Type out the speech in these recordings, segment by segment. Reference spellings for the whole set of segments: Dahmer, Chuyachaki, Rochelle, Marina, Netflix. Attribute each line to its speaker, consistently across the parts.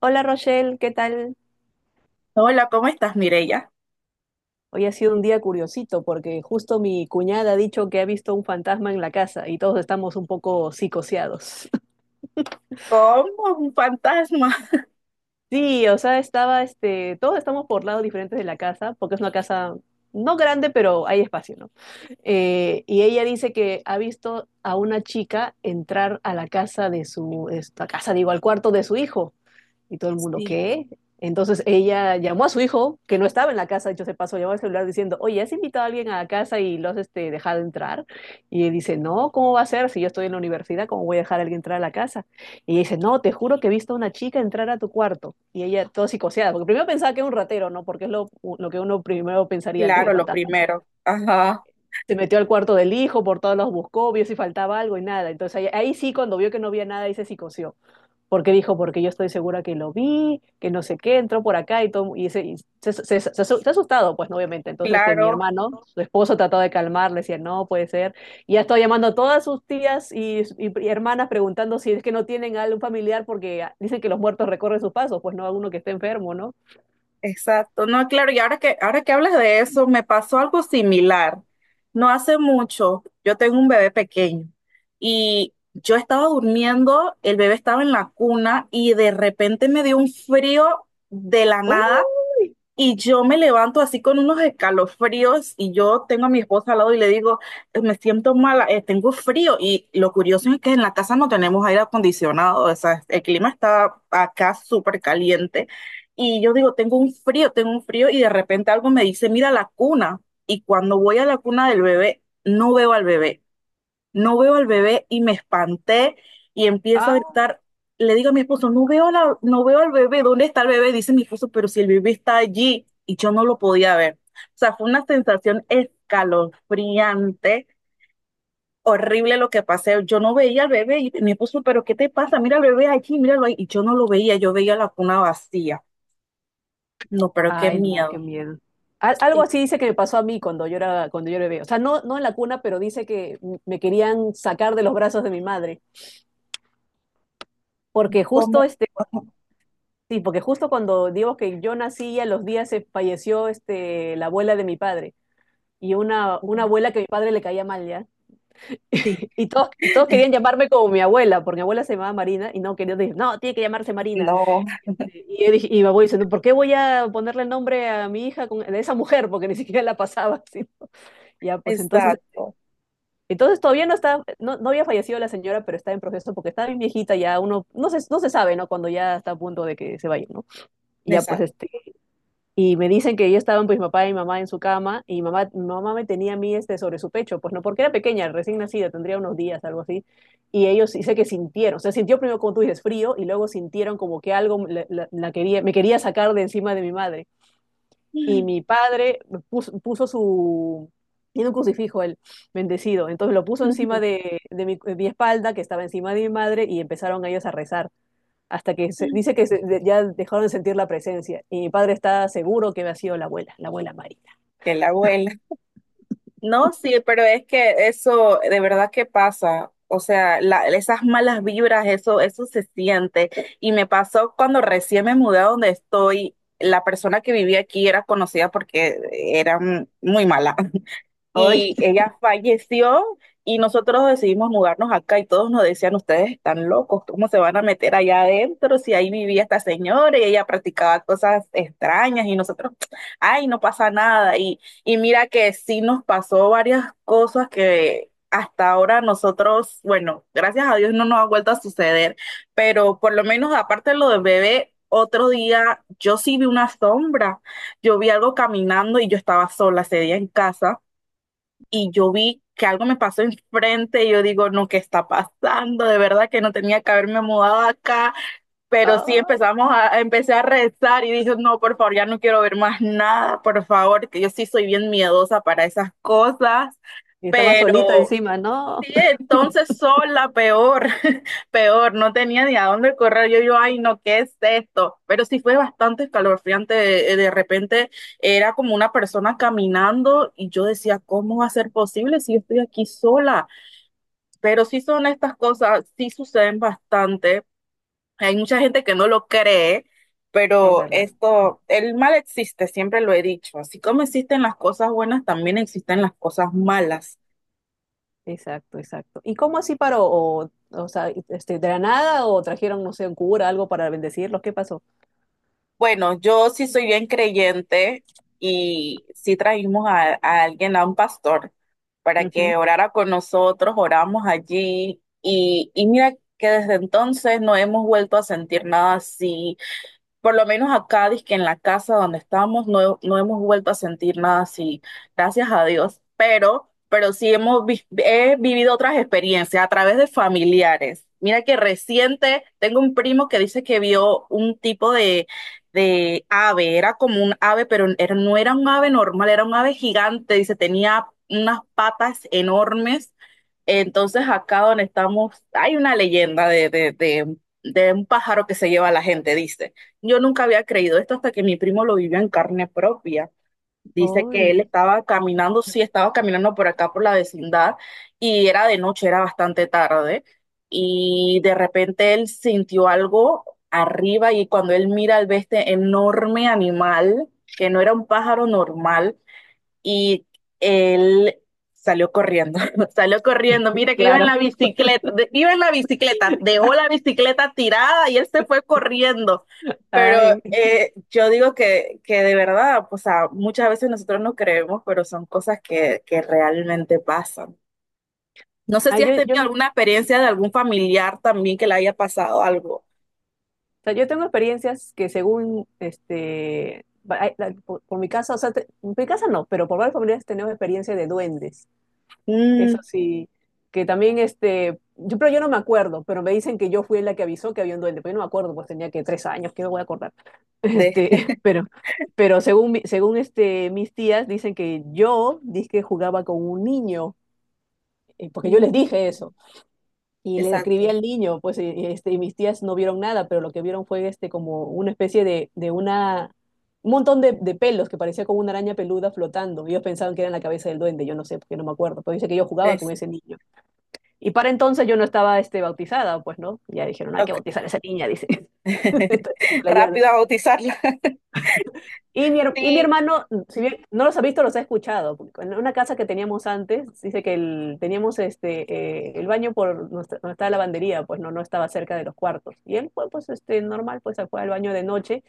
Speaker 1: Hola Rochelle, ¿qué tal?
Speaker 2: Hola, ¿cómo estás, Mireya?
Speaker 1: Hoy ha sido un día curiosito porque justo mi cuñada ha dicho que ha visto un fantasma en la casa y todos estamos un poco psicoseados.
Speaker 2: Como un fantasma.
Speaker 1: Sí, o sea, estaba todos estamos por lados diferentes de la casa porque es una casa no grande, pero hay espacio, ¿no? Y ella dice que ha visto a una chica entrar a la casa esta casa, digo, al cuarto de su hijo. Y todo el mundo,
Speaker 2: Sí,
Speaker 1: ¿qué? Entonces ella llamó a su hijo, que no estaba en la casa, dicho se pasó, llamó al celular diciendo, oye, ¿has invitado a alguien a la casa y lo has dejado entrar? Y él dice, no, ¿cómo va a ser? Si yo estoy en la universidad, ¿cómo voy a dejar a alguien entrar a la casa? Y ella dice, no, te juro que he visto a una chica entrar a tu cuarto. Y ella, todo psicoseada, porque primero pensaba que era un ratero, ¿no? Porque es lo que uno primero pensaría antes de
Speaker 2: claro, lo
Speaker 1: fantasma, ¿no?
Speaker 2: primero. Ajá,
Speaker 1: Se metió al cuarto del hijo, por todos los buscó, vio si faltaba algo y nada. Entonces ahí, ahí sí, cuando vio que no había nada, ahí se psicoseó porque dijo, porque yo estoy segura que lo vi, que no sé qué, entró por acá y todo, se ha asustado, pues, ¿no? Obviamente. Entonces, mi
Speaker 2: claro,
Speaker 1: hermano, su esposo, trató de calmarle, decía, no, puede ser. Y ya estaba llamando a todas sus tías y hermanas preguntando si es que no tienen algún familiar, porque dicen que los muertos recorren sus pasos, pues no, alguno que esté enfermo, ¿no?
Speaker 2: exacto. No, claro, y ahora que hablas de eso, me pasó algo similar. No hace mucho, yo tengo un bebé pequeño y yo estaba durmiendo, el bebé estaba en la cuna y de repente me dio un frío de la nada.
Speaker 1: Uy,
Speaker 2: Y yo me levanto así con unos escalofríos y yo tengo a mi esposa al lado y le digo, Me siento mala, tengo frío." Y lo curioso es que en la casa no tenemos aire acondicionado, o sea, el clima está acá súper caliente. Y yo digo, tengo un frío y de repente algo me dice, mira la cuna. Y cuando voy a la cuna del bebé, no veo al bebé y me espanté y empiezo a
Speaker 1: ah,
Speaker 2: gritar. Le digo a mi esposo, no veo, la, no veo al bebé, ¿dónde está el bebé? Dice mi esposo, pero si el bebé está allí y yo no lo podía ver. O sea, fue una sensación escalofriante, horrible lo que pasé. Yo no veía al bebé y mi esposo, pero ¿qué te pasa? Mira al bebé allí, míralo ahí. Y yo no lo veía, yo veía la cuna vacía. No, pero qué
Speaker 1: ay, no, qué
Speaker 2: miedo.
Speaker 1: miedo. Algo
Speaker 2: Sí,
Speaker 1: así dice que me pasó a mí cuando yo era bebé. O sea, no, no en la cuna, pero dice que me querían sacar de los brazos de mi madre porque justo
Speaker 2: ¿cómo?
Speaker 1: este, sí, porque justo cuando digo que yo nací, a los días se falleció la abuela de mi padre. Y una abuela que a mi padre le caía mal, ¿ya?
Speaker 2: Sí,
Speaker 1: Y todos querían llamarme como mi abuela, porque mi abuela se llamaba Marina, y no quería decir, no, tiene que llamarse Marina.
Speaker 2: no,
Speaker 1: Y mi abuelo diciendo, ¿por qué voy a ponerle el nombre a mi hija de esa mujer? Porque ni siquiera la pasaba. ¿Sí? Ya, pues entonces,
Speaker 2: exacto,
Speaker 1: entonces todavía no está, no, no había fallecido la señora, pero está en proceso porque está bien viejita, ya uno, no se sabe, ¿no? Cuando ya está a punto de que se vaya, ¿no? Y ya, pues
Speaker 2: exacto.
Speaker 1: este Y me dicen que yo estaban pues mi papá y mi mamá en su cama y mi mamá me tenía a mí sobre su pecho, pues no, porque era pequeña, recién nacida, tendría unos días, algo así. Y ellos dice que sintieron, o sea, sintió primero como tú dices frío y luego sintieron como que algo me quería sacar de encima de mi madre. Y mi padre puso, puso su, tiene un crucifijo él, bendecido, entonces lo puso encima de mi espalda, que estaba encima de mi madre, y empezaron ellos a rezar dice que ya dejaron de sentir la presencia. Y mi padre está seguro que había sido la abuela Marina.
Speaker 2: Que la abuela. No, sí, pero es que eso de verdad que pasa. O sea, la- esas malas vibras, eso se siente. Y me pasó cuando recién me mudé a donde estoy. La persona que vivía aquí era conocida porque era muy mala
Speaker 1: Ay,
Speaker 2: y ella falleció y nosotros decidimos mudarnos acá y todos nos decían, ustedes están locos, ¿cómo se van a meter allá adentro si ahí vivía esta señora y ella practicaba cosas extrañas y nosotros, ay, no pasa nada. Y mira que sí nos pasó varias cosas que… Hasta ahora nosotros, bueno, gracias a Dios no nos ha vuelto a suceder, pero por lo menos aparte de lo del bebé, otro día yo sí vi una sombra, yo vi algo caminando y yo estaba sola ese día en casa y yo vi que algo me pasó enfrente y yo digo, no, ¿qué está pasando? De verdad que no tenía que haberme mudado acá, pero sí
Speaker 1: ah,
Speaker 2: empezamos a, empecé a rezar y dije, no, por favor, ya no quiero ver más nada, por favor, que yo sí soy bien miedosa para esas cosas,
Speaker 1: y está más solita
Speaker 2: pero
Speaker 1: encima, no.
Speaker 2: sí, entonces son la peor, peor, no tenía ni a dónde correr. Yo, ay, no, ¿qué es esto? Pero sí fue bastante escalofriante. De repente era como una persona caminando y yo decía, ¿cómo va a ser posible si yo estoy aquí sola? Pero sí son estas cosas, sí suceden bastante. Hay mucha gente que no lo cree,
Speaker 1: Es
Speaker 2: pero
Speaker 1: verdad,
Speaker 2: esto, el mal existe, siempre lo he dicho. Así como existen las cosas buenas, también existen las cosas malas.
Speaker 1: exacto, exacto. ¿Y cómo así paró? O sea, ¿de la nada o trajeron, no sé, un cura, algo para bendecirlos? ¿Qué pasó?
Speaker 2: Bueno, yo sí soy bien creyente y sí trajimos a alguien, a un pastor, para que orara con nosotros, oramos allí y mira que desde entonces no hemos vuelto a sentir nada así por lo menos acá, que en la casa donde estamos, no, no hemos vuelto a sentir nada así, gracias a Dios, pero sí hemos vi- he vivido otras experiencias a través de familiares. Mira que reciente tengo un primo que dice que vio un tipo de ave, era como un ave, pero era- no era un ave normal, era un ave gigante, dice, tenía unas patas enormes. Entonces acá donde estamos hay una leyenda de un pájaro que se lleva a la gente, dice. Yo nunca había creído esto hasta que mi primo lo vivió en carne propia. Dice
Speaker 1: Ujú.
Speaker 2: que
Speaker 1: Ay,
Speaker 2: él estaba caminando, sí, estaba caminando por acá, por la vecindad, y era de noche, era bastante tarde, y de repente él sintió algo arriba y cuando él mira, al ve este enorme animal, que no era un pájaro normal, y él salió corriendo, salió corriendo, mira que iba en la
Speaker 1: claro.
Speaker 2: bicicleta, de- iba en la bicicleta, dejó la bicicleta tirada y él se fue corriendo. Pero
Speaker 1: Ay,
Speaker 2: yo digo que de verdad, pues, o sea, muchas veces nosotros no creemos, pero son cosas que realmente pasan. No sé
Speaker 1: ay,
Speaker 2: si has tenido alguna
Speaker 1: o
Speaker 2: experiencia de algún familiar también que le haya pasado algo.
Speaker 1: sea, yo tengo experiencias que según, por mi casa, o sea, mi casa no, pero por varias familias tenemos experiencia de duendes. Eso
Speaker 2: Mm,
Speaker 1: sí, que también pero yo no me acuerdo, pero me dicen que yo fui la que avisó que había un duende, pero yo no me acuerdo, pues tenía que 3 años, ¿qué me voy a acordar?
Speaker 2: de,
Speaker 1: Pero, pero según, mis tías dicen que yo dije jugaba con un niño, porque yo les
Speaker 2: Mm,
Speaker 1: dije eso, y le describí
Speaker 2: exacto.
Speaker 1: al niño, pues y mis tías no vieron nada, pero lo que vieron fue como una especie de un montón de pelos que parecía como una araña peluda flotando, y ellos pensaban que era la cabeza del duende, yo no sé, porque no me acuerdo, pero dice que yo jugaba con
Speaker 2: Es,
Speaker 1: ese niño. Y para entonces yo no estaba bautizada, pues no. Ya dijeron, hay que
Speaker 2: ok.
Speaker 1: bautizar a esa niña, dice. Entonces, se la llevan.
Speaker 2: Rápido a bautizarla.
Speaker 1: Y mi, her- y mi
Speaker 2: Sí.
Speaker 1: hermano, si bien no los ha visto, los ha escuchado. Porque en una casa que teníamos antes, dice que el baño donde estaba la lavandería, pues no, no estaba cerca de los cuartos. Y él fue, pues, normal, pues se fue al baño de noche,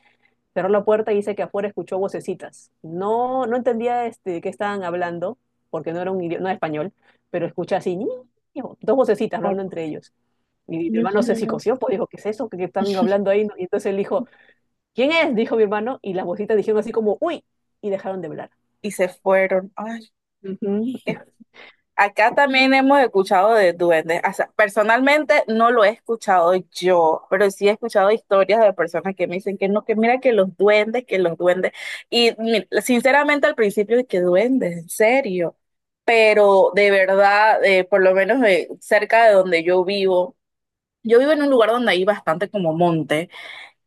Speaker 1: cerró la puerta y dice que afuera escuchó vocecitas. No, no entendía qué estaban hablando, porque no era un idioma, no era español, pero escucha así, "Ñi, ño", dos vocecitas hablando entre ellos. Y mi hermano se
Speaker 2: Ujú.
Speaker 1: psicoció, pues dijo, ¿qué es eso? ¿Qué están hablando ahí? Y entonces él dijo, ¿quién es? Dijo mi hermano, y las voces dijeron así como, uy, y dejaron de hablar.
Speaker 2: Y se fueron. Ay,
Speaker 1: Ujú.
Speaker 2: qué- Acá también hemos escuchado de duendes. O sea, personalmente no lo he escuchado yo, pero sí he escuchado historias de personas que me dicen que no, que mira que los duendes, que los duendes. Y mi- sinceramente al principio de que duendes, en serio. Pero de verdad, por lo menos cerca de donde yo vivo en un lugar donde hay bastante como monte.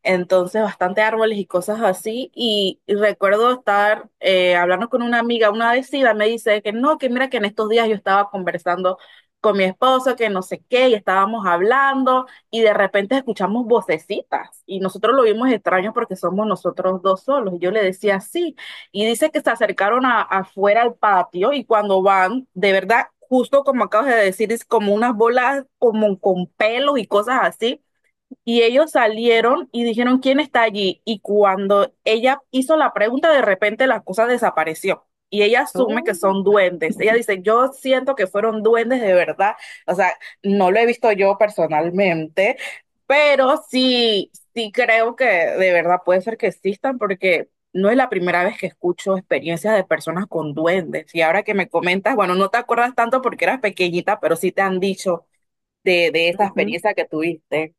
Speaker 2: Entonces, bastante árboles y cosas así. Y recuerdo estar hablando con una amiga, una vecina me dice que no, que mira que en estos días yo estaba conversando con mi esposo, que no sé qué, y estábamos hablando, y de repente escuchamos vocecitas. Y nosotros lo vimos extraño porque somos nosotros dos solos. Y yo le decía sí. Y dice que se acercaron a- afuera al patio, y cuando van, de verdad. Justo como acabas de decir, es como unas bolas como con pelos y cosas así y ellos salieron y dijeron, ¿quién está allí? Y cuando ella hizo la pregunta, de repente la cosa desapareció. Y ella asume que
Speaker 1: Oh,
Speaker 2: son duendes. Ella dice, yo siento que fueron duendes de verdad. O sea, no lo he visto yo personalmente, pero sí, sí creo que de verdad puede ser que existan porque no es la primera vez que escucho experiencias de personas con duendes. Y ahora que me comentas, bueno, no te acuerdas tanto porque eras pequeñita, pero sí te han dicho de esa
Speaker 1: ujú.
Speaker 2: experiencia que tuviste.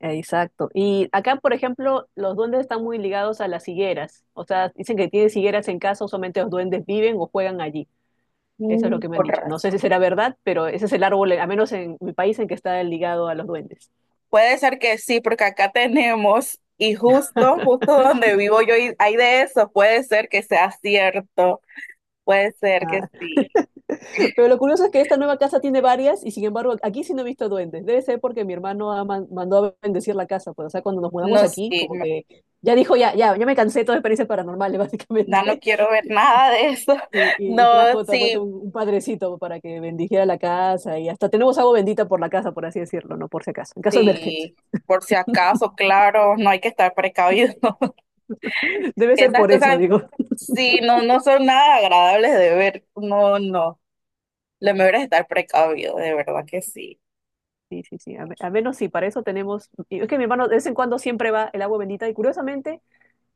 Speaker 1: Exacto. Y acá, por ejemplo, los duendes están muy ligados a las higueras. O sea, dicen que tienen higueras en casa, solamente los duendes viven o juegan allí. Eso es lo que me han
Speaker 2: Con
Speaker 1: dicho. No
Speaker 2: razón.
Speaker 1: sé si será verdad, pero ese es el árbol, al menos en mi país, en que está ligado a los duendes.
Speaker 2: Puede ser que sí, porque acá tenemos, y justo, justo donde vivo yo y hay de eso, puede ser que sea cierto, puede ser que sí.
Speaker 1: Pero lo curioso es que esta nueva casa tiene varias y sin embargo aquí sí no he visto duendes. Debe ser porque mi hermano mandó a bendecir la casa. Pues, o sea, cuando nos mudamos
Speaker 2: No,
Speaker 1: aquí,
Speaker 2: sí,
Speaker 1: como
Speaker 2: no,
Speaker 1: que ya dijo, ya me cansé de todas las experiencias paranormales,
Speaker 2: ya no
Speaker 1: básicamente.
Speaker 2: quiero ver nada de eso.
Speaker 1: Y, y- y
Speaker 2: No,
Speaker 1: trajo pues,
Speaker 2: sí,
Speaker 1: un padrecito para que bendijera la casa y hasta tenemos agua bendita por la casa, por así decirlo, ¿no? Por si acaso, en caso de emergencia.
Speaker 2: sí, por si acaso, claro, no hay que estar precavido.
Speaker 1: Debe ser
Speaker 2: Esas
Speaker 1: por eso,
Speaker 2: cosas,
Speaker 1: digo.
Speaker 2: sí, no, no son nada agradables de ver. No, no. Lo mejor es estar precavido, de verdad que sí.
Speaker 1: Sí, sí, sí. A menos sí, para eso tenemos... Y es que mi hermano de vez en cuando siempre va el agua bendita y curiosamente...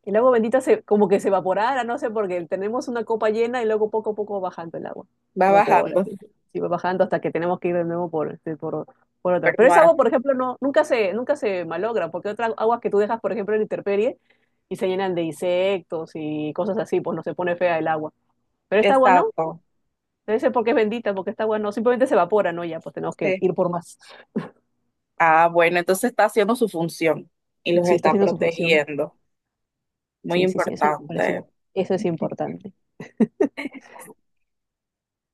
Speaker 1: El agua bendita como que se evaporara, no sé, porque tenemos una copa llena y luego poco a poco va bajando el agua.
Speaker 2: Va
Speaker 1: Se evapora,
Speaker 2: bajando,
Speaker 1: sí, sí, sí, va bajando hasta que tenemos que ir de nuevo por otra.
Speaker 2: pero
Speaker 1: Pero esa
Speaker 2: más,
Speaker 1: agua, por ejemplo, no, nunca se malogra, porque otras aguas que tú dejas, por ejemplo, en la intemperie y se llenan de insectos y cosas así, pues no se pone fea el agua. Pero esta agua no,
Speaker 2: exacto.
Speaker 1: debe ser porque es bendita, porque esta agua no, simplemente se evapora, ¿no? Ya, pues tenemos que
Speaker 2: Sí.
Speaker 1: ir por más.
Speaker 2: Ah, bueno, entonces está haciendo su función y los
Speaker 1: Sí, está
Speaker 2: está
Speaker 1: haciendo su función.
Speaker 2: protegiendo. Muy
Speaker 1: Sí, sí, sí, eso me parecía.
Speaker 2: importante.
Speaker 1: Eso es importante.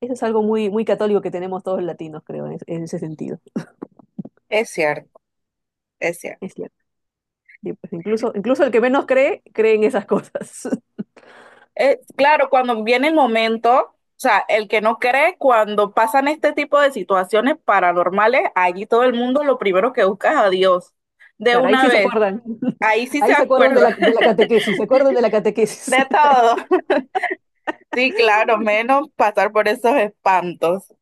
Speaker 1: Eso es algo muy, muy católico que tenemos todos los latinos, creo, en ese sentido.
Speaker 2: Es cierto, es cierto.
Speaker 1: Es cierto. Sí, pues incluso el que menos cree, cree en esas cosas.
Speaker 2: Claro, cuando viene el momento, o sea, el que no cree, cuando pasan este tipo de situaciones paranormales, allí todo el mundo lo primero que busca es a Dios. De
Speaker 1: Claro, ahí
Speaker 2: una
Speaker 1: sí se
Speaker 2: vez,
Speaker 1: acuerdan.
Speaker 2: ahí sí se
Speaker 1: Ahí se acuerdan de la,
Speaker 2: acuerda
Speaker 1: de la catequesis, se acuerdan de la catequesis.
Speaker 2: de todo. Sí, claro, menos pasar por esos espantos.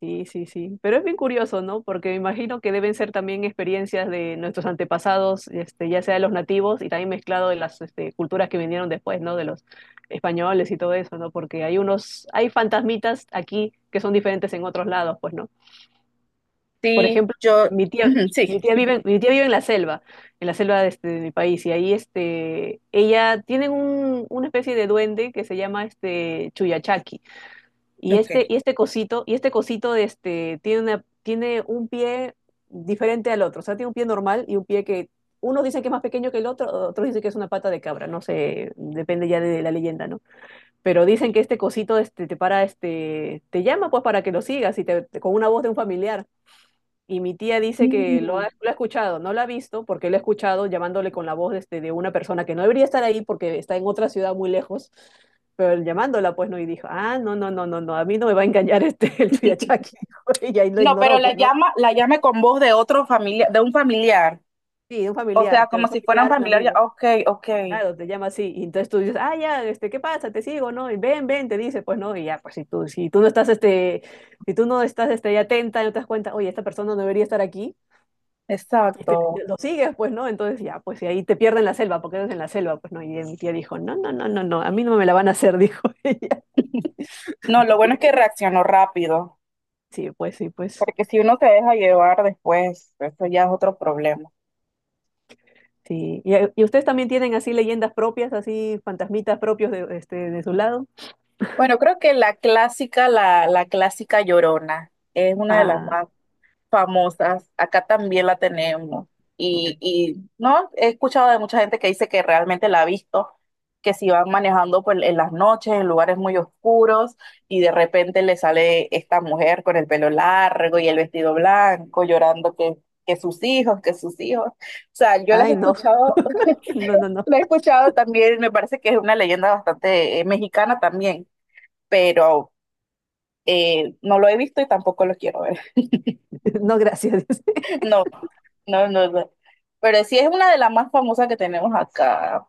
Speaker 1: Sí, sí, sí. Pero es bien curioso, ¿no? Porque me imagino que deben ser también experiencias de nuestros antepasados, ya sea de los nativos y también mezclado de las culturas que vinieron después, ¿no? De los españoles y todo eso, ¿no? Porque hay fantasmitas aquí que son diferentes en otros lados, pues, ¿no? Por
Speaker 2: Sí,
Speaker 1: ejemplo,
Speaker 2: yo,
Speaker 1: mi tía,
Speaker 2: ujú, sí,
Speaker 1: mi tía vive en la selva de mi país, y ahí ella tiene una especie de duende que se llama Chuyachaki. Y este cosito tiene un pie diferente al otro. O sea, tiene un pie normal y un pie que unos dicen que es más pequeño que el otro, otros dicen que es una pata de cabra, no sé, depende ya de la leyenda, ¿no? Pero dicen que este cosito te para, te llama pues para que lo sigas con una voz de un familiar. Y mi tía dice que lo ha,
Speaker 2: ok.
Speaker 1: lo ha escuchado, no lo ha visto porque lo ha escuchado llamándole con la voz de una persona que no debería estar ahí porque está en otra ciudad muy lejos, pero llamándola pues no, y dijo, ah, no, no, no, no, no, a mí no me va a engañar el Tuyachaki. Y ahí lo
Speaker 2: No, pero
Speaker 1: ignoró,
Speaker 2: la
Speaker 1: pues no,
Speaker 2: llama, la llame con voz de otro familiar, de un familiar.
Speaker 1: sí, un
Speaker 2: O sea,
Speaker 1: familiar, te
Speaker 2: como
Speaker 1: un
Speaker 2: si fuera un
Speaker 1: familiar, un
Speaker 2: familiar. Ya,
Speaker 1: amigo,
Speaker 2: ok, ok,
Speaker 1: claro, te llama así, y entonces tú dices, ah, ya, ¿qué pasa? Te sigo, ¿no? Y ven, ven, te dice, pues no, y ya, pues si tú no estás, ahí atenta, no te das cuenta, oye, esta persona no debería estar aquí, este,
Speaker 2: exacto.
Speaker 1: lo sigues, pues, ¿no? Entonces ya, pues, y ahí te pierden la selva, porque eres en la selva, pues, ¿no? Y mi tía dijo, no, no, no, no, no, a mí no me la van a hacer, dijo ella.
Speaker 2: No, lo bueno es que reaccionó rápido,
Speaker 1: Sí, pues, sí, pues,
Speaker 2: porque si uno se deja llevar después, eso ya es otro problema.
Speaker 1: sí. ¿Y ustedes también tienen así leyendas propias, así fantasmitas propios de su lado?
Speaker 2: Bueno, creo que la clásica, la clásica llorona, es una de las
Speaker 1: Ah,
Speaker 2: más famosas, acá también la tenemos. Y no, he escuchado de mucha gente que dice que realmente la ha visto, que si van manejando pues, en las noches, en lugares muy oscuros, y de repente le sale esta mujer con el pelo largo y el vestido blanco, llorando que sus hijos, que sus hijos. O sea, yo las he
Speaker 1: ay, no,
Speaker 2: escuchado,
Speaker 1: no, no, no,
Speaker 2: la he escuchado también, me parece que es una leyenda bastante mexicana también, pero no lo he visto y tampoco lo quiero ver.
Speaker 1: no, gracias.
Speaker 2: No, no, no, no. Pero sí es una de las más famosas que tenemos acá.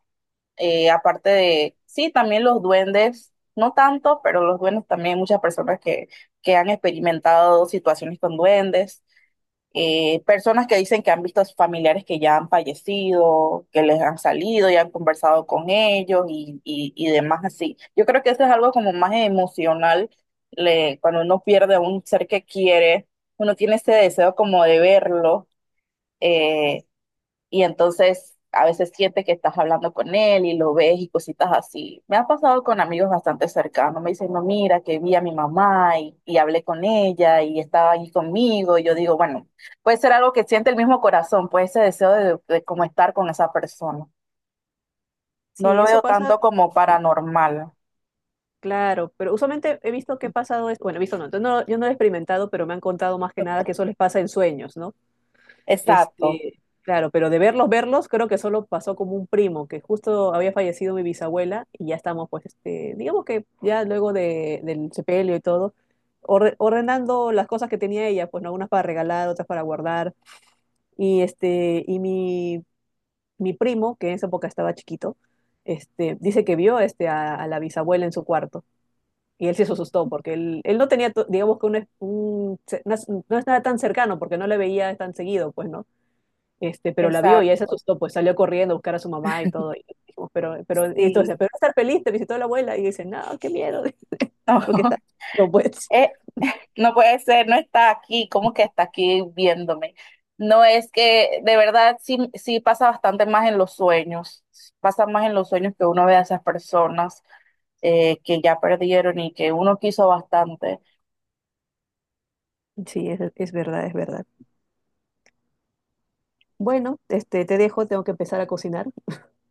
Speaker 2: Aparte de, sí, también los duendes, no tanto, pero los duendes también, hay muchas personas que han experimentado situaciones con duendes, personas que dicen que han visto a sus familiares que ya han fallecido, que les han salido y han conversado con ellos y demás así. Yo creo que eso es algo como más emocional, le- cuando uno pierde a un ser que quiere, uno tiene ese deseo como de verlo eh, y entonces a veces siente que estás hablando con él y lo ves y cositas así. Me ha pasado con amigos bastante cercanos, me dicen, no, mira, que vi a mi mamá y hablé con ella y estaba ahí conmigo. Y yo digo, bueno, puede ser algo que siente el mismo corazón, puede ese deseo de como estar con esa persona. No
Speaker 1: Sí,
Speaker 2: lo
Speaker 1: eso
Speaker 2: veo
Speaker 1: pasa,
Speaker 2: tanto como
Speaker 1: sí,
Speaker 2: paranormal.
Speaker 1: claro, pero usualmente he visto que ha pasado, bueno, he visto, no, entonces no, yo no lo he experimentado, pero me han contado más que nada que
Speaker 2: Ok.
Speaker 1: eso les pasa en sueños, ¿no?
Speaker 2: Exacto,
Speaker 1: Claro, pero de verlos, verlos, creo que solo pasó como un primo, que justo había fallecido mi bisabuela y ya estamos, pues, digamos que ya luego del sepelio y todo, ordenando las cosas que tenía ella, pues, ¿no? Unas para regalar, otras para guardar. Y mi primo, que en esa época estaba chiquito, dice que vio a la bisabuela en su cuarto. Y él sí se asustó porque él no tenía, digamos que un, es- un- se- no es nada tan cercano porque no le veía tan seguido, pues, ¿no? Pero la vio y ella se
Speaker 2: exacto.
Speaker 1: asustó, pues salió corriendo a buscar a su mamá y todo. Y dijimos, y entonces,
Speaker 2: Sí.
Speaker 1: pero estar feliz, te visitó la abuela y dice, no, qué miedo, porque está. No, pues,
Speaker 2: Es, no puede ser, no está aquí, ¿cómo que está aquí viéndome? No es que de verdad sí, sí pasa bastante más en los sueños, pasa más en los sueños que uno ve a esas personas que ya perdieron y que uno quiso bastante.
Speaker 1: sí, es verdad, es verdad. Bueno, te dejo, tengo que empezar a cocinar.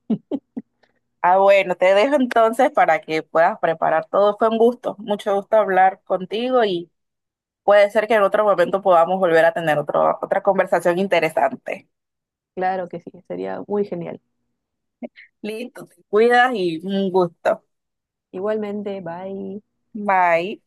Speaker 2: Ah, bueno, te dejo entonces para que puedas preparar todo. Fue un gusto, mucho gusto hablar contigo y puede ser que en otro momento podamos volver a tener otro, otra conversación interesante.
Speaker 1: Claro que sí, sería muy genial.
Speaker 2: Listo, te cuidas y un gusto.
Speaker 1: Igualmente, bye.
Speaker 2: Bye.